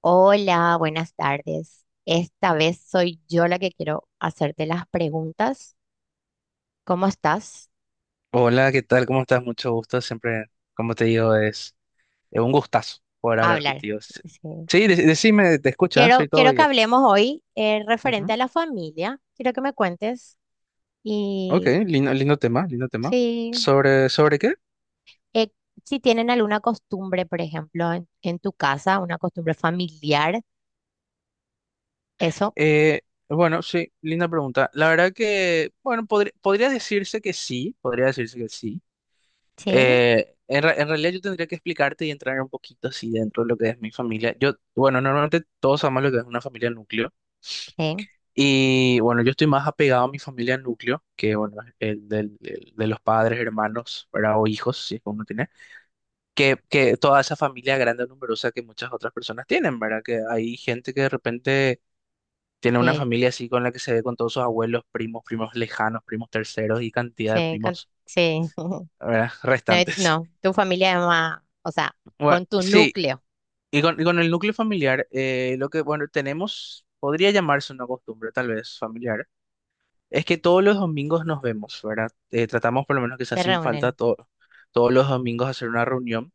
Hola, buenas tardes. Esta vez soy yo la que quiero hacerte las preguntas. ¿Cómo estás? Hola, ¿qué tal? ¿Cómo estás? Mucho gusto. Siempre, como te digo, es un gustazo poder A hablar hablar. contigo. Sí, Sí. sí, decime, te escuchas, soy Quiero, todo quiero que oídos. hablemos hoy referente Ujú. a la familia. Quiero que me cuentes Ok, y lindo, lindo tema, lindo tema. sí, ¿Sobre qué? eh, si tienen alguna costumbre, por ejemplo, en tu casa, una costumbre familiar, eso. Eh, bueno, sí, linda pregunta. La verdad que, bueno, podría decirse que sí, podría decirse que sí. Sí, En realidad yo tendría que explicarte y entrar un poquito así dentro de lo que es mi familia. Yo, bueno, normalmente todos amamos lo que es una familia nucleo. sí, Y bueno, yo estoy más apegado a mi familia núcleo, que bueno, el de los padres, hermanos, ¿verdad? O hijos, si es que uno tiene, que toda esa familia grande, numerosa que muchas otras personas tienen, ¿verdad? Que hay gente que de repente tiene una sí, familia así con la que se ve con todos sus abuelos, primos, primos lejanos, primos terceros y cantidad de sí. Primos, Sí. ¿verdad? No, Restantes. no, tu familia es más, o sea, Bueno, con tu sí, núcleo y con el núcleo familiar, lo que, bueno, tenemos, podría llamarse una costumbre, tal vez, familiar. Es que todos los domingos nos vemos, ¿verdad? Tratamos por lo menos que sea te sin falta reúnen. Todos los domingos hacer una reunión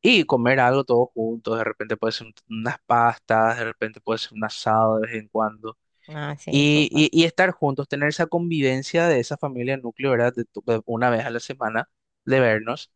y comer algo todos juntos. De repente puede ser unas pastas, de repente puede ser un asado de vez en cuando. Ah, sí, Y, súper. y- y estar juntos, tener esa convivencia de esa familia núcleo, ¿verdad? De una vez a la semana, de vernos,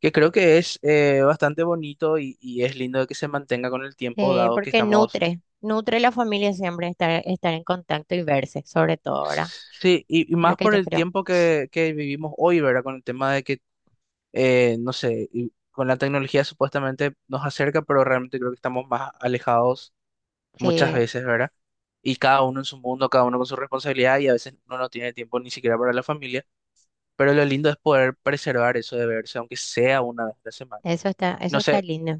que creo que es bastante bonito y es lindo de que se mantenga con el tiempo, Sí, dado que porque estamos... nutre, nutre a la familia siempre estar, estar en contacto y verse, sobre todo ahora. Sí, y Es lo más que por yo el creo. tiempo que vivimos hoy, ¿verdad? Con el tema de que no sé, y con la tecnología supuestamente nos acerca, pero realmente creo que estamos más alejados muchas Sí, veces, ¿verdad? Y cada uno en su mundo, cada uno con su responsabilidad y a veces uno no tiene tiempo ni siquiera para la familia, pero lo lindo es poder preservar eso de verse, aunque sea una vez a la semana. Eso No está sé, lindo.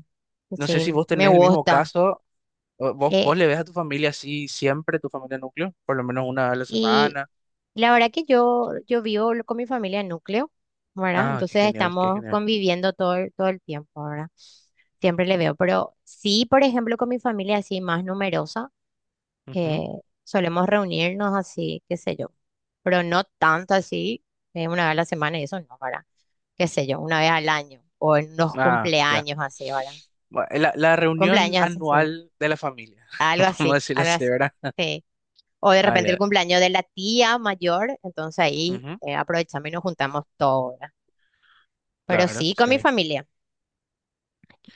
no sé Sí, si vos me tenés el mismo gusta. caso, o vos Eh, le ves a tu familia así siempre, tu familia núcleo, por lo menos una vez a la y semana. la verdad que yo vivo con mi familia en núcleo, ¿verdad? Ah, qué Entonces genial, qué estamos genial. conviviendo todo el tiempo, ¿verdad? Siempre le veo. Pero sí, por ejemplo, con mi familia así más numerosa. eh, Solemos reunirnos así, qué sé yo, pero no tanto así, una vez a la semana y eso no, ¿verdad? Qué sé yo, una vez al año o en los Ah, ya. cumpleaños así, ¿verdad? Bueno, la reunión Cumpleaños así, sí, anual de la familia, vamos a decirlo algo así, así, ¿verdad? sí. O de Ah, repente el ya. cumpleaños de la tía mayor, entonces ahí Ujú, aprovechamos y nos juntamos todos, ¿verdad? Pero claro, sí, con mi sí. familia.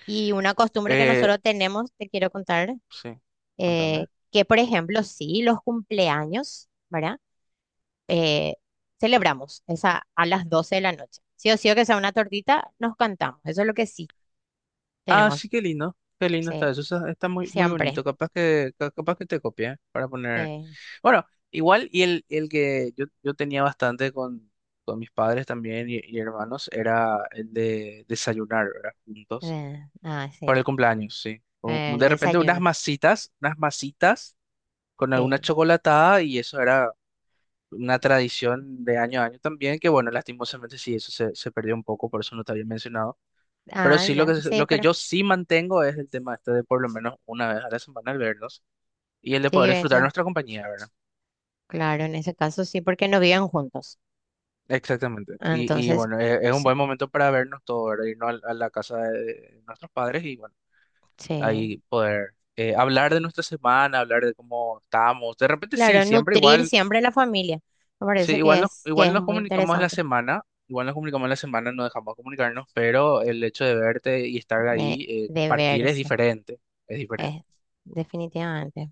Y una costumbre que Eh, nosotros tenemos, te quiero contar, sí, contame. que por ejemplo, sí, los cumpleaños, ¿verdad? eh, Celebramos esa a las 12 de la noche. Sí o sí o que sea una tortita, nos cantamos. Eso es lo que sí Ah, sí, tenemos, qué lindo. Qué lindo está sí, eso. Está muy, muy siempre. bonito. Capaz que, capaz que te copie, ¿eh? Para poner. eh, Bueno, igual, y el que yo tenía bastante con mis padres también y hermanos era el de desayunar, ¿verdad? Juntos. Para sí, el cumpleaños, sí. Un- un- el De repente unas desayuno. masitas, unas masitas. Con alguna Sí. chocolatada y eso era una tradición de año a año también, que bueno, lastimosamente sí, eso se perdió un poco, por eso no te había mencionado. Pero Ah, sí, lo ya, que, sí, lo que pero yo sí mantengo es el tema este de por lo menos una vez a la semana al vernos y el de sí, poder disfrutar eso, nuestra compañía, ¿verdad? claro, en ese caso sí, porque no viven juntos. Exactamente. Y Entonces, bueno, es, un sí, buen momento para vernos todos, ¿verdad? Irnos a, la casa de nuestros padres y bueno, sí. ahí poder hablar de nuestra semana, hablar de cómo estamos. De repente sí, Claro, siempre nutrir igual. siempre la familia. Me Sí, parece que igual es nos muy comunicamos la interesante semana, no dejamos de comunicarnos, pero el hecho de verte y estar de, ahí, de partir es verse, diferente, es diferente. eh, definitivamente.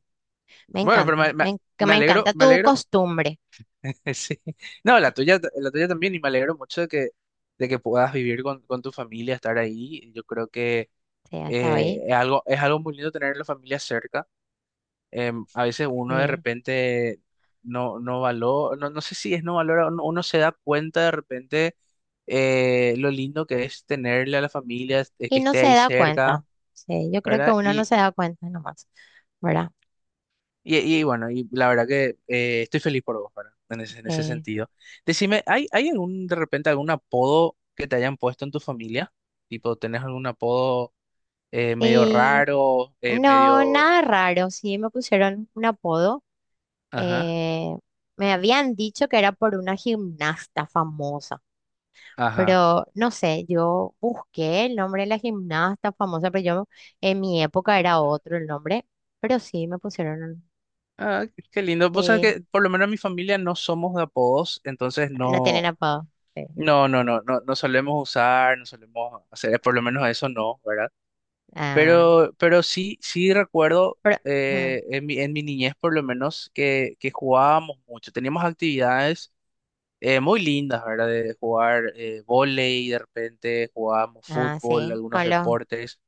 Me Bueno, pero encanta, me, en- que me encanta me tu alegro, costumbre. sí. No, la tuya también, y me alegro mucho de que puedas vivir con tu familia, estar ahí. Yo creo que Sí, hasta hoy. es algo muy lindo tener la familia cerca. A veces uno de Sí. repente no, no valora, no, no sé si es no valora, uno se da cuenta de repente lo lindo que es tenerle a la familia, que Y no esté se ahí da cerca, cuenta. Sí, yo creo que ¿verdad? uno no Y, se da cuenta nomás, ¿verdad? y, y bueno, y la verdad que estoy feliz por vos, ¿verdad? En ese Eh, sentido. Decime, ¿hay algún, de repente, algún apodo que te hayan puesto en tu familia? Tipo, ¿tenés algún apodo medio y raro, no, medio...? nada raro. Sí, me pusieron un apodo. Ajá, eh, Me habían dicho que era por una gimnasta famosa, ajá. pero no sé, yo busqué el nombre de la gimnasta famosa, pero yo en mi época era otro el nombre, pero sí me pusieron, Ah, qué lindo. Vos sabés eh, que por lo menos en mi familia no somos de apodos, entonces no tienen no, apodo. Sí. no, no, no, no, no solemos usar, no solemos hacer, por lo menos a eso no, ¿verdad? Ah, Pero sí, sí recuerdo pero- ujú. En mi niñez por lo menos que jugábamos mucho. Teníamos actividades muy lindas, ¿verdad? De jugar vóley, de repente jugábamos Ah, fútbol, sí, algunos deportes,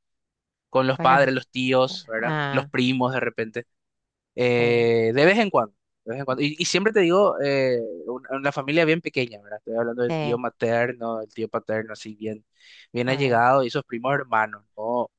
con los con los, padres, los tíos, ¿verdad? Los ah, primos de repente. sí, De vez en cuando, de vez en cuando. Y siempre te digo, una, familia bien pequeña, ¿verdad? Estoy hablando del tío sí, materno, el tío paterno, así bien, bien ah, allegado, y esos primos hermanos, no,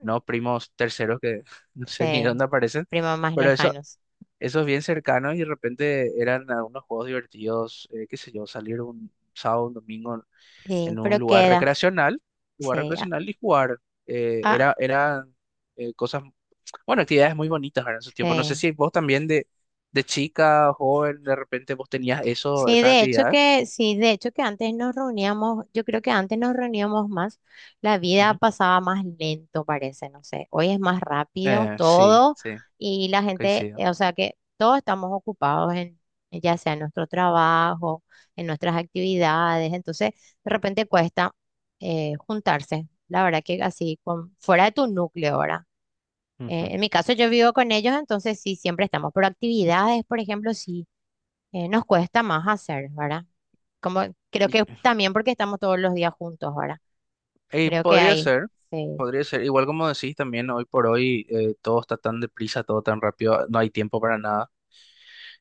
no primos terceros que no sé ni de sí, dónde aparecen, primos más pero lejanos. esos bien cercanos y de repente eran algunos juegos divertidos, qué sé yo, salir un sábado, un domingo Sí, en un pero queda, lugar sí, ah, recreacional y jugar. Eh, ah, era, eran cosas bueno, actividades muy bonitas, ¿verdad? En su tiempo. No sé sí. si vos también de chica, joven, de repente vos tenías eso, Sí, esas de hecho actividades. que, sí, de hecho que antes nos reuníamos, yo creo que antes nos reuníamos más, la vida Ujú. pasaba más lento, parece, no sé. Hoy es más rápido Sí, todo sí, y la gente, coincido. O sea que todos estamos ocupados en, ya sea en nuestro trabajo, en nuestras actividades, entonces de repente cuesta juntarse, la verdad que así, con, fuera de tu núcleo ahora. Ujú. En mi caso yo vivo con ellos, entonces sí, siempre estamos, pero actividades, por ejemplo, sí, nos cuesta más hacer, ¿verdad? Como, creo Y, que también porque estamos todos los días juntos ahora. y Creo que podría hay ser, sí podría ser. Igual como decís también, hoy por hoy todo está tan deprisa, todo tan rápido, no hay tiempo para nada.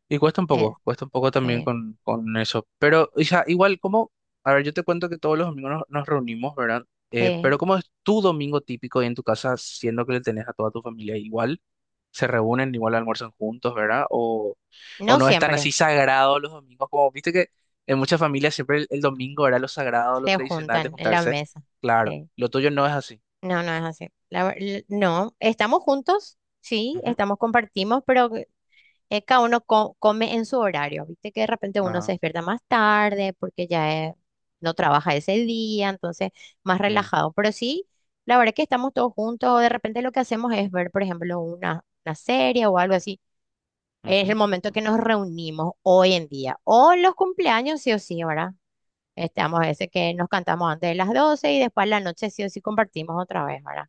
Y eh, cuesta un poco también sí con eso. Pero o sea, igual como, a ver, yo te cuento que todos los domingos nos reunimos, ¿verdad? Se- Pero ¿cómo es tu domingo típico ahí en tu casa, siendo que le tenés a toda tu familia igual? Se reúnen, igual almuerzan juntos, ¿verdad? O no no están siempre así sagrados los domingos, como viste que en muchas familias siempre el domingo era lo sagrado, lo se tradicional de juntan en la juntarse. mesa. Claro, Sí. lo tuyo no es así. No, no es así. No, estamos juntos, sí, Ujú, estamos, compartimos, pero cada uno come en su horario. Viste que de repente uno se ajá, despierta más tarde porque ya no trabaja ese día, entonces más mm, relajado. Pero sí, la verdad que estamos todos juntos. De repente lo que hacemos es ver, por ejemplo, una serie o algo así. Es el ujú. momento que nos reunimos hoy en día. O los cumpleaños, sí o sí, ¿verdad? Estamos ese que nos cantamos antes de las 12 y después en la noche sí o sí compartimos otra vez, ¿verdad?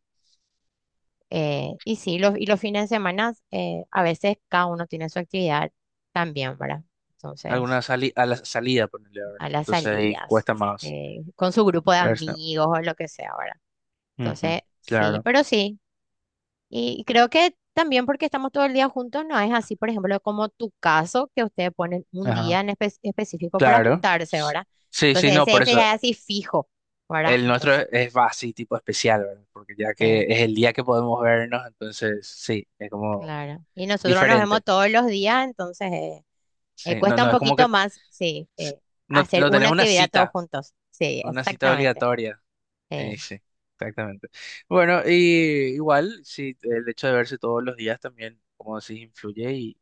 Y sí, y los fines de semana, a veces cada uno tiene su actividad también, ¿verdad? Alguna Entonces, sali a la salida, ponerle, a ¿verdad? las Entonces ahí salidas, cuesta más con su grupo de verse. amigos o lo que sea, ¿verdad? Ujú, Entonces, sí, claro, pero sí, y creo que también porque estamos todo el día juntos, no es así, por ejemplo, como tu caso, que ustedes ponen un ajá, día en específico para claro. juntarse, ¿verdad? Sí, sí, Entonces, no, ese, por ese eso. ya es así fijo, ¿verdad? El nuestro Entonces, es va así, tipo especial, ¿verdad? Porque ya que eh, es el día que podemos vernos, entonces sí, es como claro. Y nosotros nos vemos diferente. todos los días, entonces Sí, no, cuesta un no, es como poquito que más, sí, s- no, hacer no tenés una actividad todos juntos. Sí, una cita exactamente. obligatoria. Eh, Sí, exactamente. Bueno, y igual, sí, el hecho de verse todos los días también, como decís, influye y,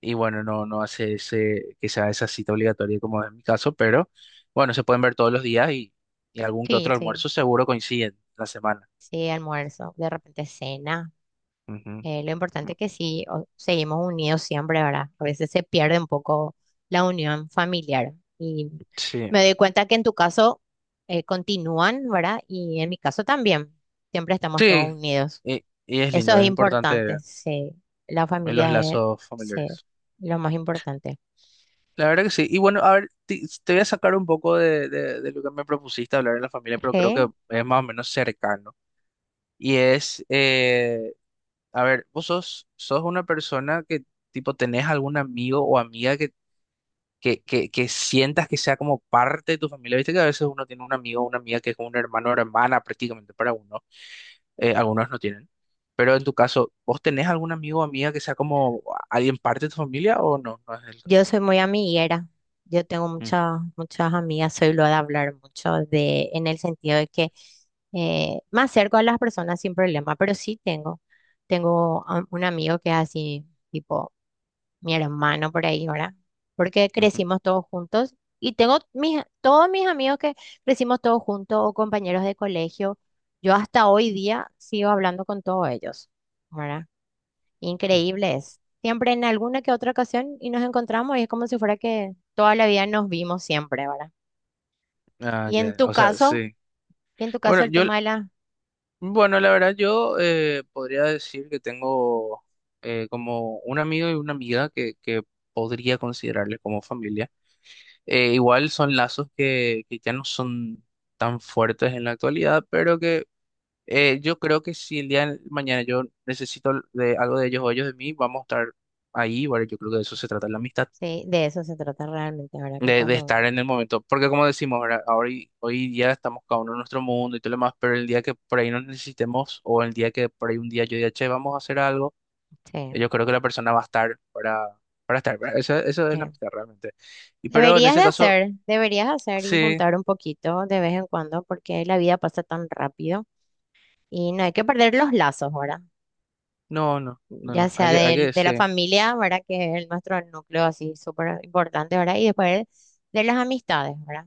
y bueno, no, no hace ese, que sea esa cita obligatoria como es mi caso, pero bueno, se pueden ver todos los días y algún que sí, otro sí, almuerzo seguro coinciden la semana. sí, almuerzo, de repente cena. Ujú. Lo importante es que seguimos unidos siempre, ¿verdad? A veces se pierde un poco la unión familiar. Y Sí, me doy cuenta que en tu caso continúan, ¿verdad? Y en mi caso también. Siempre estamos sí, todos unidos. y es Eso lindo, es es importante importante. Sí. La los familia es lazos sí, familiares. lo más importante. La verdad que sí. Y bueno, a ver, te voy a sacar un poco de lo que me propusiste hablar en la familia, pero creo que es más o menos cercano. Y a ver, vos sos una persona que, tipo, tenés algún amigo o amiga que sientas que sea como parte de tu familia. Viste que a veces uno tiene un amigo o una amiga que es como un hermano o hermana prácticamente para uno. Algunos no tienen. Pero en tu caso, ¿vos tenés algún amigo o amiga que sea como alguien parte de tu familia o no? No es el Yo caso. soy muy amiguera. Yo tengo Mm, muchas, muchas amigas, soy lo de hablar mucho de, en el sentido de que me acerco a las personas sin problema, pero sí tengo, tengo un amigo que es así, tipo mi hermano por ahí, ¿verdad? Porque ujú. crecimos todos juntos y tengo mis, todos mis amigos que crecimos todos juntos o compañeros de colegio. Yo hasta hoy día sigo hablando con todos ellos, ¿verdad? Increíbles. Siempre en alguna que otra ocasión y nos encontramos y es como si fuera que toda la vida nos vimos siempre, ¿verdad? Ah, Y en ya, tu o sea, caso, sí. y en tu caso Bueno, el tema de la... bueno, la verdad yo podría decir que tengo como un amigo y una amiga que podría considerarle como familia. Igual son lazos que ya no son tan fuertes en la actualidad, pero que yo creo que si el día de mañana yo necesito de algo de ellos o ellos de mí, vamos a estar ahí. Bueno, yo creo que de eso se trata la amistad. Sí, de eso se trata realmente, ¿verdad? Que De cuando estar uno... en el momento. Porque como decimos, ¿verdad? Ahora, hoy día estamos cada uno en nuestro mundo y todo lo demás, pero el día que por ahí nos necesitemos o el día que por ahí un día yo diga, che, vamos a hacer algo, Sí, yo creo que la persona va a estar para estar. ¿Verdad? Eso es la sí. amistad realmente. Y pero en Deberías de ese caso, hacer, deberías hacer y sí, juntar un poquito de vez en cuando porque la vida pasa tan rápido y no hay que perder los lazos, ¿verdad? no, no, no, Ya no, hay sea que, hay que, de la sí, familia, ¿verdad? Que es nuestro núcleo así súper importante, ¿verdad? Y después de las amistades, ¿verdad?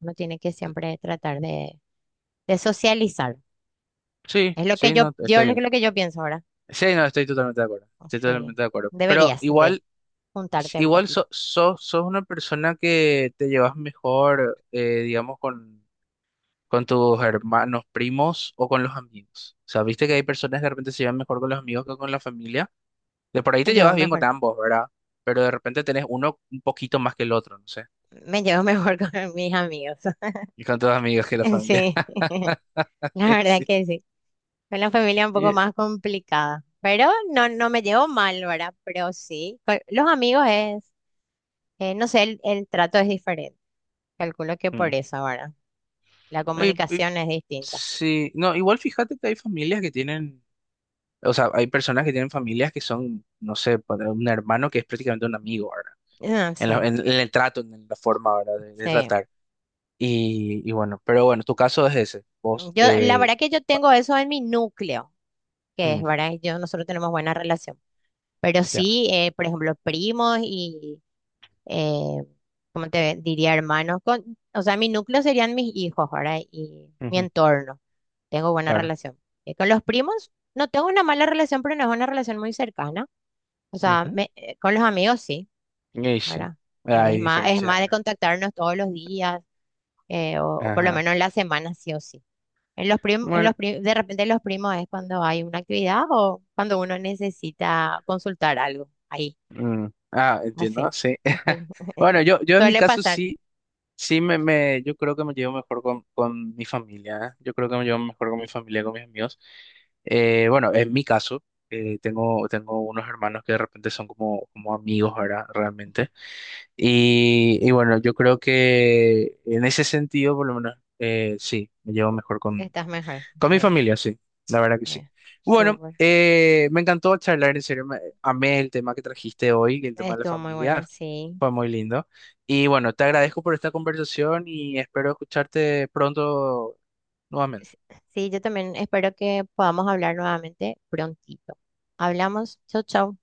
Uno tiene que siempre tratar de socializar. sí, Es lo que yo, lo que yo pienso ahora. sí, no, estoy totalmente de acuerdo, O estoy sea, totalmente de acuerdo. Pero deberías de igual... juntarte un Igual poquito. sos una persona que te llevas mejor, digamos, con tus hermanos, primos o con los amigos. O sea, viste que hay personas que de repente se llevan mejor con los amigos que con la familia. De por ahí Me te llevo llevas bien con mejor, ambos, ¿verdad? Pero de repente tenés uno un poquito más que el otro, no sé. me llevo mejor con mis amigos. Y con tus amigos que la familia. Sí, la Y verdad sí. que sí. Con la familia es un poco Y- más complicada. Pero no, no me llevo mal, ¿verdad? Pero sí, con los amigos es, no sé, el trato es diferente. Calculo que por mm. eso ahora. La Y- y- comunicación es distinta. sí. No, igual fíjate que hay familias que tienen, o sea, hay personas que tienen familias que son, no sé, para un hermano que es prácticamente un amigo, ¿verdad? Ah, En, la- sí, en- en el trato, en la forma, ¿verdad? De sí. tratar. Y bueno, pero bueno, tu caso es ese. Vos, Yo, la verdad que yo tengo eso en mi núcleo, que es, mm, ¿verdad? Yo, nosotros tenemos buena relación. Pero ya, sí, por ejemplo, primos y, eh, ¿cómo te diría, hermanos? Con, o sea, mi núcleo serían mis hijos, ¿verdad? Y mi ujú, entorno. Tengo buena claro. relación. Con los primos, no tengo una mala relación, pero no es una relación muy cercana. O sea, Ujú. Con los amigos sí, Y sí, ¿verdad? Hay Es diferencias más ahí, de ¿verdad? contactarnos todos los días o por lo Ajá. menos en la semana sí o sí. En los prim- en Bueno, los pri- De repente los primos es cuando hay una actividad o cuando uno necesita consultar algo. Ahí, mm, ah, entiendo, así. sí. Así. Bueno, yo en mi Suele caso pasar. sí, sí yo creo que me llevo mejor con mi familia. ¿Eh? Yo creo que me llevo mejor con mi familia, con mis amigos. Bueno, en mi caso, tengo unos hermanos que de repente son como, como amigos, ¿verdad? Realmente. Y bueno, yo creo que en ese sentido, por lo menos, sí, me llevo mejor con, Estás mejor. con mi Sí, familia, sí, la verdad que sí. eh, Bueno, súper. Me encantó charlar, en serio, amé el tema que trajiste hoy, el tema de la Estuvo muy bueno, familia, sí. fue muy lindo. Y bueno, te agradezco por esta conversación y espero escucharte pronto S- nuevamente. Sí, yo también espero que podamos hablar nuevamente prontito. Hablamos. Chau, chau.